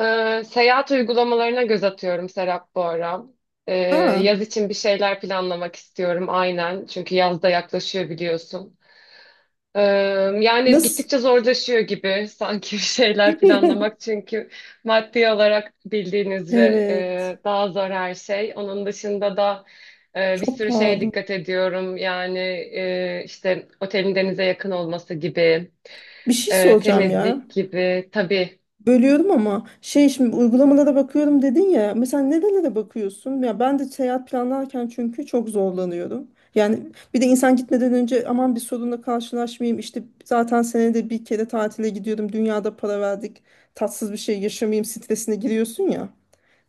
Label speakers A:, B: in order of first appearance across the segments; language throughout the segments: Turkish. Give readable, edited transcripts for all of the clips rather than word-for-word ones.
A: Seyahat uygulamalarına göz atıyorum Serap bu ara. Ee,
B: Aa,
A: Yaz için bir şeyler planlamak istiyorum aynen. Çünkü yaz da yaklaşıyor biliyorsun. Ee, Yani
B: nasıl?
A: gittikçe zorlaşıyor gibi sanki bir şeyler planlamak. Çünkü maddi olarak bildiğiniz üzere
B: Evet.
A: daha zor her şey. Onun dışında da bir
B: Çok
A: sürü şeye
B: pahalı.
A: dikkat ediyorum. Yani işte otelin denize yakın olması gibi,
B: Bir şey soracağım ya.
A: temizlik gibi. Tabii,
B: Bölüyorum ama şey, şimdi uygulamalara bakıyorum dedin ya. Mesela nerelere bakıyorsun? Ya ben de seyahat planlarken çünkü çok zorlanıyorum. Yani bir de insan gitmeden önce, aman bir sorunla karşılaşmayayım, İşte zaten senede bir kere tatile gidiyorum, dünyada para verdik, tatsız bir şey yaşamayayım stresine giriyorsun ya.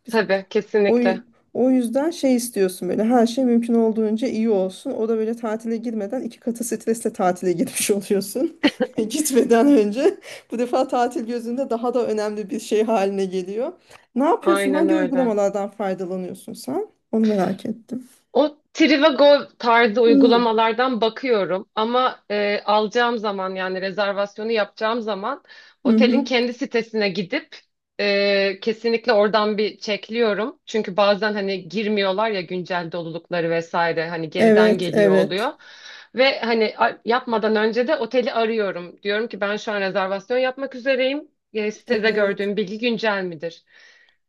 A: tabii
B: O,
A: kesinlikle.
B: yü- O yüzden şey istiyorsun, böyle her şey mümkün olduğunca iyi olsun. O da böyle tatile girmeden iki katı stresle tatile girmiş oluyorsun. Gitmeden önce bu defa tatil gözünde daha da önemli bir şey haline geliyor. Ne yapıyorsun?
A: Aynen
B: Hangi
A: öyle.
B: uygulamalardan faydalanıyorsun sen? Onu merak ettim.
A: O Trivago tarzı
B: Hmm.
A: uygulamalardan bakıyorum ama alacağım zaman yani rezervasyonu yapacağım zaman
B: Hı
A: otelin
B: hı.
A: kendi sitesine gidip kesinlikle oradan bir çekliyorum. Çünkü bazen hani girmiyorlar ya güncel dolulukları vesaire hani geriden
B: Evet,
A: geliyor
B: evet.
A: oluyor. Ve hani yapmadan önce de oteli arıyorum. Diyorum ki ben şu an rezervasyon yapmak üzereyim. Sitede
B: Evet.
A: gördüğüm bilgi güncel midir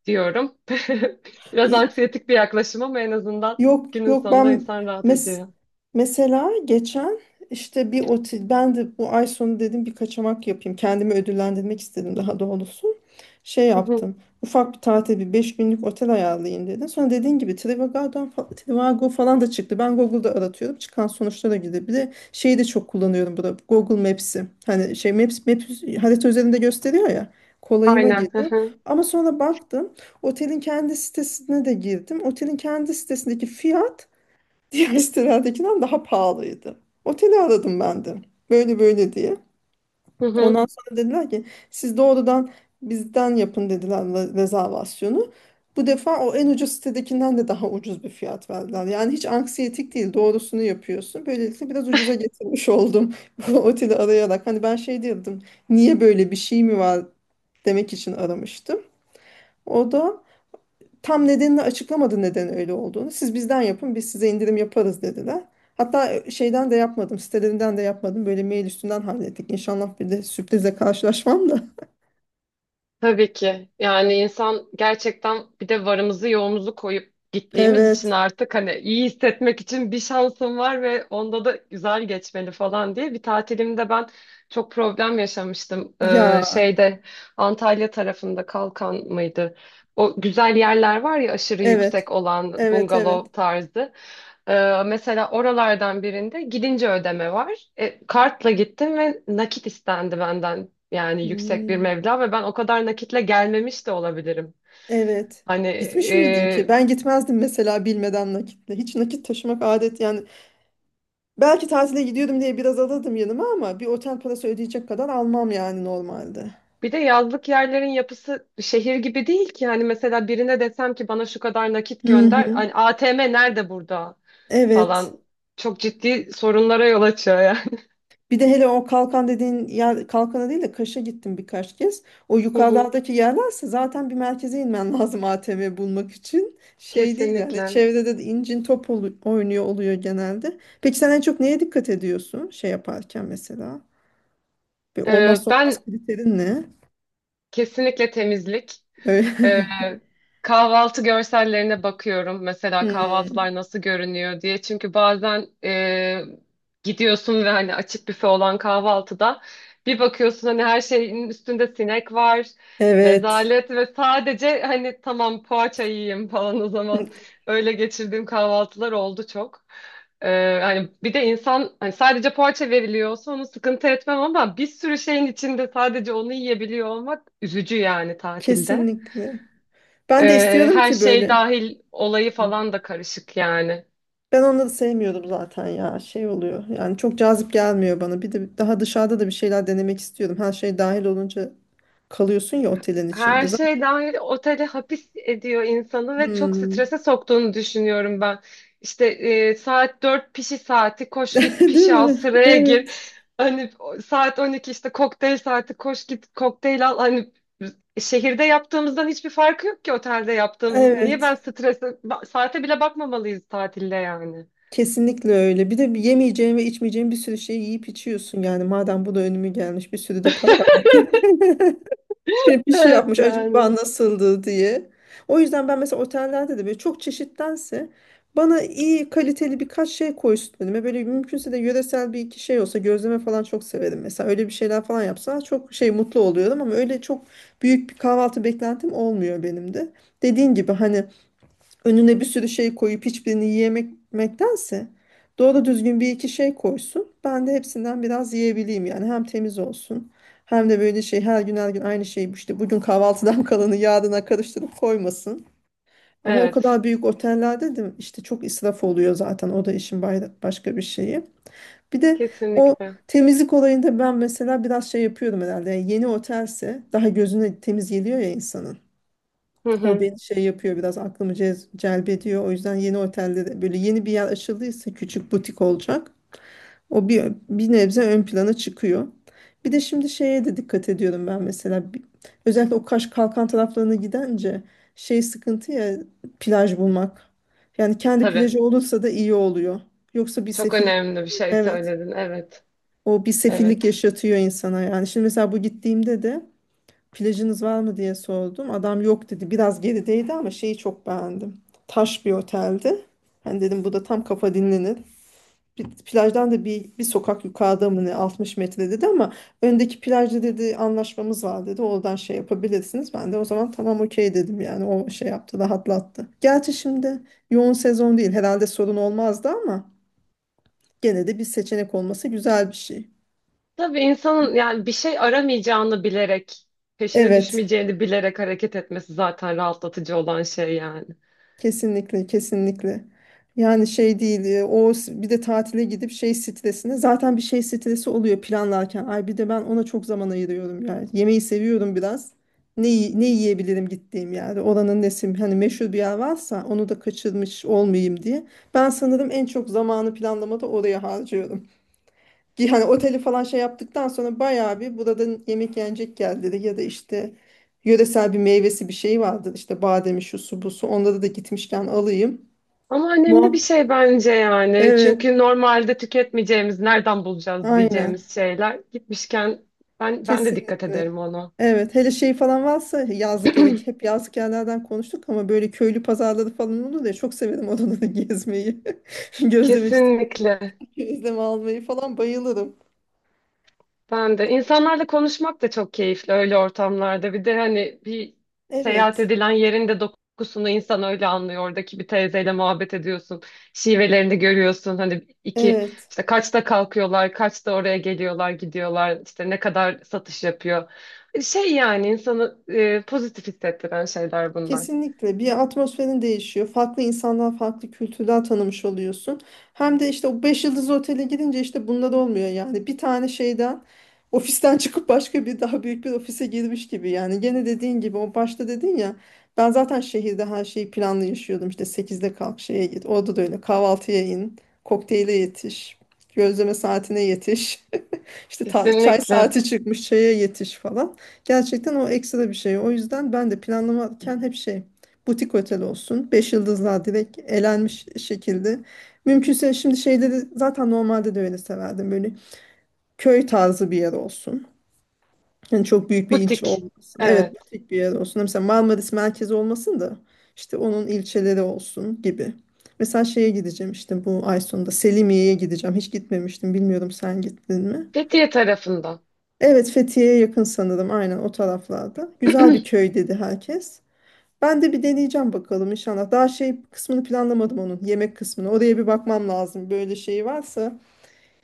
A: diyorum. Biraz
B: İ-
A: anksiyetik bir yaklaşım ama en azından.
B: Yok
A: Günün
B: yok,
A: sonunda
B: ben
A: insan rahat
B: mes
A: ediyor.
B: mesela geçen, işte bir otel, ben de bu ay sonu dedim bir kaçamak yapayım. Kendimi ödüllendirmek istedim daha doğrusu. Şey
A: Hı hı.
B: yaptım. Ufak bir tatil, bir 5 günlük otel ayarlayayım dedim. Sonra dediğin gibi Trivago falan da çıktı. Ben Google'da aratıyorum. Çıkan sonuçlara göre bir de şeyi de çok kullanıyorum burada. Google Maps'i. Hani şey, Maps harita üzerinde gösteriyor ya. Kolayıma
A: Aynen. Hı
B: geliyor.
A: hı.
B: Ama sonra baktım. Otelin kendi sitesine de girdim. Otelin kendi sitesindeki fiyat diğer sitelerdekinden daha pahalıydı. Oteli aradım ben de. Böyle böyle diye.
A: Hı hı.
B: Ondan sonra dediler ki siz doğrudan bizden yapın dediler rezervasyonu. Bu defa o en ucuz sitedekinden de daha ucuz bir fiyat verdiler. Yani hiç anksiyetik değil, doğrusunu yapıyorsun. Böylelikle biraz ucuza getirmiş oldum bu oteli arayarak. Hani ben şey diyordum, niye, böyle bir şey mi var demek için aramıştım. O da tam nedenini açıklamadı, neden öyle olduğunu. Siz bizden yapın, biz size indirim yaparız dediler. Hatta şeyden de yapmadım, sitelerinden de yapmadım. Böyle mail üstünden hallettik. İnşallah bir de sürprize karşılaşmam da.
A: Tabii ki. Yani insan gerçekten bir de varımızı yoğumuzu koyup gittiğimiz için
B: Evet.
A: artık hani iyi hissetmek için bir şansım var ve onda da güzel geçmeli falan diye. Bir tatilimde ben çok problem yaşamıştım.
B: Ya.
A: Şeyde Antalya tarafında Kalkan mıydı? O güzel yerler var ya aşırı
B: Evet.
A: yüksek olan
B: Evet, evet.
A: bungalov tarzı. Mesela oralardan birinde gidince ödeme var. Kartla gittim ve nakit istendi benden. Yani yüksek bir
B: Hmm,
A: meblağ ve ben o kadar nakitle gelmemiş de olabilirim.
B: evet.
A: Hani
B: Gitmiş miydin ki? Ben gitmezdim mesela bilmeden nakitle. Hiç nakit taşımak adet yani. Belki tatile gidiyordum diye biraz alırdım yanıma, ama bir otel parası ödeyecek kadar almam yani normalde.
A: bir de yazlık yerlerin yapısı şehir gibi değil ki. Hani mesela birine desem ki bana şu kadar nakit
B: Hı
A: gönder.
B: hı.
A: Hani ATM nerede burada
B: Evet.
A: falan. Çok ciddi sorunlara yol açıyor yani.
B: Bir de hele o kalkan dediğin yer, kalkana değil de Kaş'a gittim birkaç kez. O
A: Hı hı.
B: yukarılardaki yerlerse zaten bir merkeze inmen lazım ATM bulmak için. Şey değil yani,
A: Kesinlikle.
B: çevrede de incin top oynuyor oluyor genelde. Peki sen en çok neye dikkat ediyorsun şey yaparken mesela? Bir olmazsa
A: Ben
B: olmaz kriterin ne?
A: kesinlikle temizlik.
B: Öyle-
A: Ee, Kahvaltı görsellerine bakıyorum. Mesela
B: Hmm.
A: kahvaltılar nasıl görünüyor diye. Çünkü bazen gidiyorsun ve hani açık büfe olan kahvaltıda bir bakıyorsun hani her şeyin üstünde sinek var.
B: Evet.
A: Rezalet ve sadece hani tamam poğaça yiyeyim falan o zaman
B: Hı.
A: öyle geçirdiğim kahvaltılar oldu çok. Hani bir de insan hani sadece poğaça veriliyorsa onu sıkıntı etmem ama bir sürü şeyin içinde sadece onu yiyebiliyor olmak üzücü yani tatilde.
B: Kesinlikle. Ben de istiyorum
A: Her
B: ki
A: şey
B: böyle.
A: dahil olayı falan da karışık yani.
B: Ben onları sevmiyordum zaten ya. Şey oluyor. Yani çok cazip gelmiyor bana. Bir de daha dışarıda da bir şeyler denemek istiyordum. Her şey dahil olunca kalıyorsun ya otelin
A: Her
B: içinde. Zaten.
A: şey dahil otele hapis ediyor insanı ve çok
B: Hmm.
A: strese soktuğunu düşünüyorum ben. İşte saat 4 pişi saati koş git
B: Değil
A: pişi al
B: mi?
A: sıraya gir.
B: Evet.
A: Hani saat 12 işte kokteyl saati koş git kokteyl al. Hani şehirde yaptığımızdan hiçbir farkı yok ki otelde yaptığımız. Niye ben
B: Evet.
A: strese saate bile bakmamalıyız tatilde yani.
B: Kesinlikle öyle. Bir de bir yemeyeceğin ve içmeyeceğin bir sürü şey yiyip içiyorsun. Yani madem bu da önüme gelmiş, bir sürü de para verdim. Şey, bir şey
A: Evet
B: yapmış acaba,
A: yani.
B: nasıldı diye. O yüzden ben mesela otellerde de böyle çok çeşittense, bana iyi kaliteli birkaç şey koysun önüme. Böyle mümkünse de yöresel bir iki şey olsa, gözleme falan çok severim. Mesela öyle bir şeyler falan yapsa çok şey, mutlu oluyorum, ama öyle çok büyük bir kahvaltı beklentim olmuyor benim de. Dediğin gibi, hani önüne bir sürü şey koyup hiçbirini yiyemektense doğru düzgün bir iki şey koysun. Ben de hepsinden biraz yiyebileyim yani. Hem temiz olsun, hem de böyle şey, her gün her gün aynı şeyi, işte bugün kahvaltıdan kalanı yarına karıştırıp koymasın. Ama o
A: Evet
B: kadar büyük otellerde de işte çok israf oluyor zaten, o da işin başka bir şeyi. Bir de o
A: kesinlikle.
B: temizlik olayında ben mesela biraz şey yapıyorum herhalde. Yani yeni otelse daha gözüne temiz geliyor ya insanın.
A: Hı
B: O
A: hı.
B: beni şey yapıyor, biraz aklımı celbediyor. O yüzden yeni otellere, böyle yeni bir yer açıldıysa, küçük butik olacak. O bir nebze ön plana çıkıyor. Bir de şimdi şeye de dikkat ediyorum ben mesela. Özellikle o Kaş Kalkan taraflarına gidince şey sıkıntı ya, plaj bulmak. Yani kendi
A: Tabii.
B: plajı olursa da iyi oluyor. Yoksa bir
A: Çok
B: sefillik,
A: önemli bir şey
B: evet,
A: söyledin. Evet.
B: o bir sefillik
A: Evet.
B: yaşatıyor insana yani. Şimdi mesela bu gittiğimde de plajınız var mı diye sordum. Adam yok dedi. Biraz gerideydi ama şeyi çok beğendim. Taş bir oteldi. Ben dedim bu da tam kafa dinlenir. Bir, plajdan da bir sokak yukarıda mı ne, 60 metre dedi ama öndeki plajda dedi anlaşmamız var dedi, oradan şey yapabilirsiniz. Ben de o zaman tamam, okey dedim yani, o şey yaptı, rahatlattı. Gerçi şimdi yoğun sezon değil herhalde, sorun olmazdı, ama gene de bir seçenek olması güzel bir şey.
A: Tabii insanın yani bir şey aramayacağını bilerek, peşine
B: Evet.
A: düşmeyeceğini bilerek hareket etmesi zaten rahatlatıcı olan şey yani.
B: Kesinlikle, kesinlikle. Yani şey değil, bir de tatile gidip şey stresine, zaten bir şey stresi oluyor planlarken. Ay bir de ben ona çok zaman ayırıyorum yani. Yemeği seviyorum biraz. Ne yiyebilirim gittiğim yerde. Oranın nesi, hani meşhur bir yer varsa onu da kaçırmış olmayayım diye. Ben sanırım en çok zamanı planlamada oraya harcıyorum. Ki hani oteli falan şey yaptıktan sonra bayağı bir, buradan yemek yenecek geldi dedi, ya da işte yöresel bir meyvesi bir şey vardı, işte bademi, şu su, bu su, onları da gitmişken alayım.
A: Ama önemli bir
B: Muhak
A: şey bence yani.
B: evet,
A: Çünkü normalde tüketmeyeceğimiz, nereden bulacağız
B: aynen,
A: diyeceğimiz şeyler gitmişken ben de dikkat
B: kesinlikle.
A: ederim ona.
B: Evet, hele şey falan varsa yazlık yere, hep yazlık yerlerden konuştuk ama, böyle köylü pazarları falan olur ya, çok severim oraları gezmeyi. Gözlemeci,
A: Kesinlikle.
B: gözleme almayı falan bayılırım.
A: Ben de. İnsanlarla konuşmak da çok keyifli öyle ortamlarda. Bir de hani bir seyahat
B: Evet,
A: edilen yerin de dokusunu insan öyle anlıyor. Oradaki bir teyzeyle muhabbet ediyorsun. Şivelerini görüyorsun. Hani iki
B: evet.
A: işte kaçta kalkıyorlar, kaçta oraya geliyorlar, gidiyorlar. İşte ne kadar satış yapıyor. Şey yani insanı pozitif hissettiren şeyler bunlar.
B: Kesinlikle, bir atmosferin değişiyor. Farklı insanlar, farklı kültürler tanımış oluyorsun. Hem de işte o 5 yıldız otele gidince işte bunlar olmuyor yani. Bir tane şeyden, ofisten çıkıp başka bir daha büyük bir ofise girmiş gibi yani. Gene dediğin gibi, o başta dedin ya, ben zaten şehirde her şeyi planlı yaşıyordum. İşte sekizde kalk, şeye git. Orada da öyle kahvaltıya in, kokteyle yetiş, gözleme saatine yetiş. İşte çay
A: Kesinlikle.
B: saati çıkmış, çaya yetiş falan. Gerçekten o ekstra bir şey. O yüzden ben de planlamarken hep şey, butik otel olsun. Beş yıldızlar direkt elenmiş şekilde. Mümkünse şimdi şeyleri, zaten normalde de öyle severdim. Böyle köy tarzı bir yer olsun. Yani çok büyük bir ilçe
A: Butik.
B: olmasın. Evet,
A: Evet.
B: butik bir yer olsun. Mesela Marmaris merkezi olmasın da, işte onun ilçeleri olsun gibi. Mesela şeye gideceğim, işte bu ay sonunda Selimiye'ye gideceğim. Hiç gitmemiştim. Bilmiyorum sen gittin mi?
A: Fethiye tarafında.
B: Evet, Fethiye'ye yakın sanırım, aynen o taraflarda. Güzel bir köy dedi herkes. Ben de bir deneyeceğim bakalım inşallah. Daha şey kısmını planlamadım, onun yemek kısmını. Oraya bir bakmam lazım. Böyle şey varsa,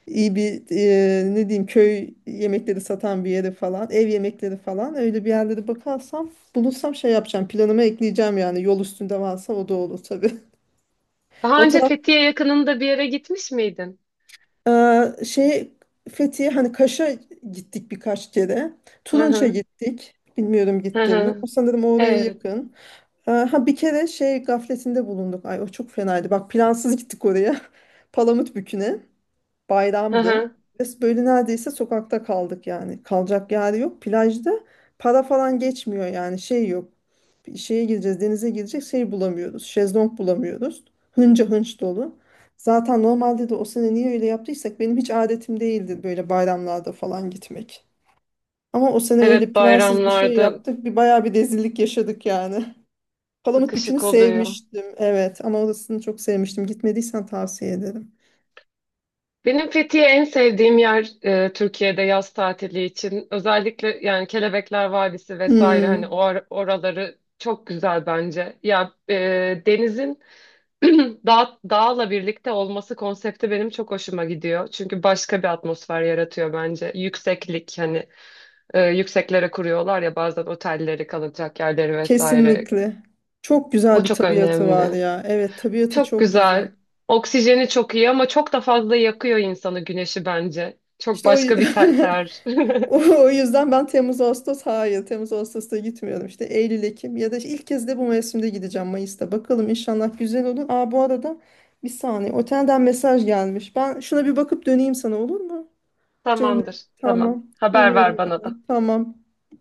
B: iyi bir, ne diyeyim, köy yemekleri satan bir yere falan, ev yemekleri falan, öyle bir yerlere bakarsam, bulursam şey yapacağım. Planıma ekleyeceğim yani. Yol üstünde varsa o da olur tabii.
A: Daha
B: O
A: önce Fethiye yakınında bir yere gitmiş miydin?
B: Şey, Fethiye, hani Kaş'a gittik birkaç kere.
A: Hı
B: Turunç'a
A: hı,
B: gittik. Bilmiyorum
A: hı
B: gittin mi? O
A: hı.
B: sanırım oraya
A: Evet.
B: yakın. Ha, bir kere şey gafletinde bulunduk. Ay, o çok fenaydı. Bak, plansız gittik oraya. Palamutbükü'ne.
A: Hı
B: Bayramdı.
A: hı.
B: Biz böyle neredeyse sokakta kaldık yani. Kalacak yer yok. Plajda para falan geçmiyor yani, şey yok, bir şeye gideceğiz, denize gidecek şey bulamıyoruz, şezlong bulamıyoruz. Hınca hınç dolu. Zaten normalde de, o sene niye öyle yaptıysak, benim hiç adetim değildi böyle bayramlarda falan gitmek. Ama o sene öyle
A: Evet,
B: plansız bir şey
A: bayramlarda
B: yaptık. Bir bayağı bir rezillik yaşadık yani. Palamutbükü'nü
A: sıkışık oluyor.
B: sevmiştim. Evet, ama orasını çok sevmiştim. Gitmediysen tavsiye ederim.
A: Benim Fethiye en sevdiğim yer Türkiye'de yaz tatili için. Özellikle yani Kelebekler Vadisi vesaire hani
B: Hmm,
A: oraları çok güzel bence. Ya denizin dağla birlikte olması konsepti benim çok hoşuma gidiyor. Çünkü başka bir atmosfer yaratıyor bence. Yükseklik hani yükseklere kuruyorlar ya bazen otelleri kalacak yerleri vesaire.
B: kesinlikle. Çok
A: O
B: güzel bir
A: çok
B: tabiatı var
A: önemli.
B: ya. Evet, tabiatı
A: Çok
B: çok güzel.
A: güzel. Oksijeni çok iyi ama çok da fazla yakıyor insanı güneşi bence. Çok
B: İşte o
A: başka bir ter. ter.
B: o yüzden ben Temmuz Ağustos, hayır, Temmuz Ağustos'ta gitmiyorum, işte Eylül Ekim, ya da işte ilk kez de bu mevsimde gideceğim Mayıs'ta, bakalım inşallah güzel olur. Aa, bu arada bir saniye, otelden mesaj gelmiş, ben şuna bir bakıp döneyim sana, olur mu Cemre?
A: Tamamdır. Tamam.
B: Tamam,
A: Haber
B: dönüyorum
A: ver bana da.
B: ben. Tamam.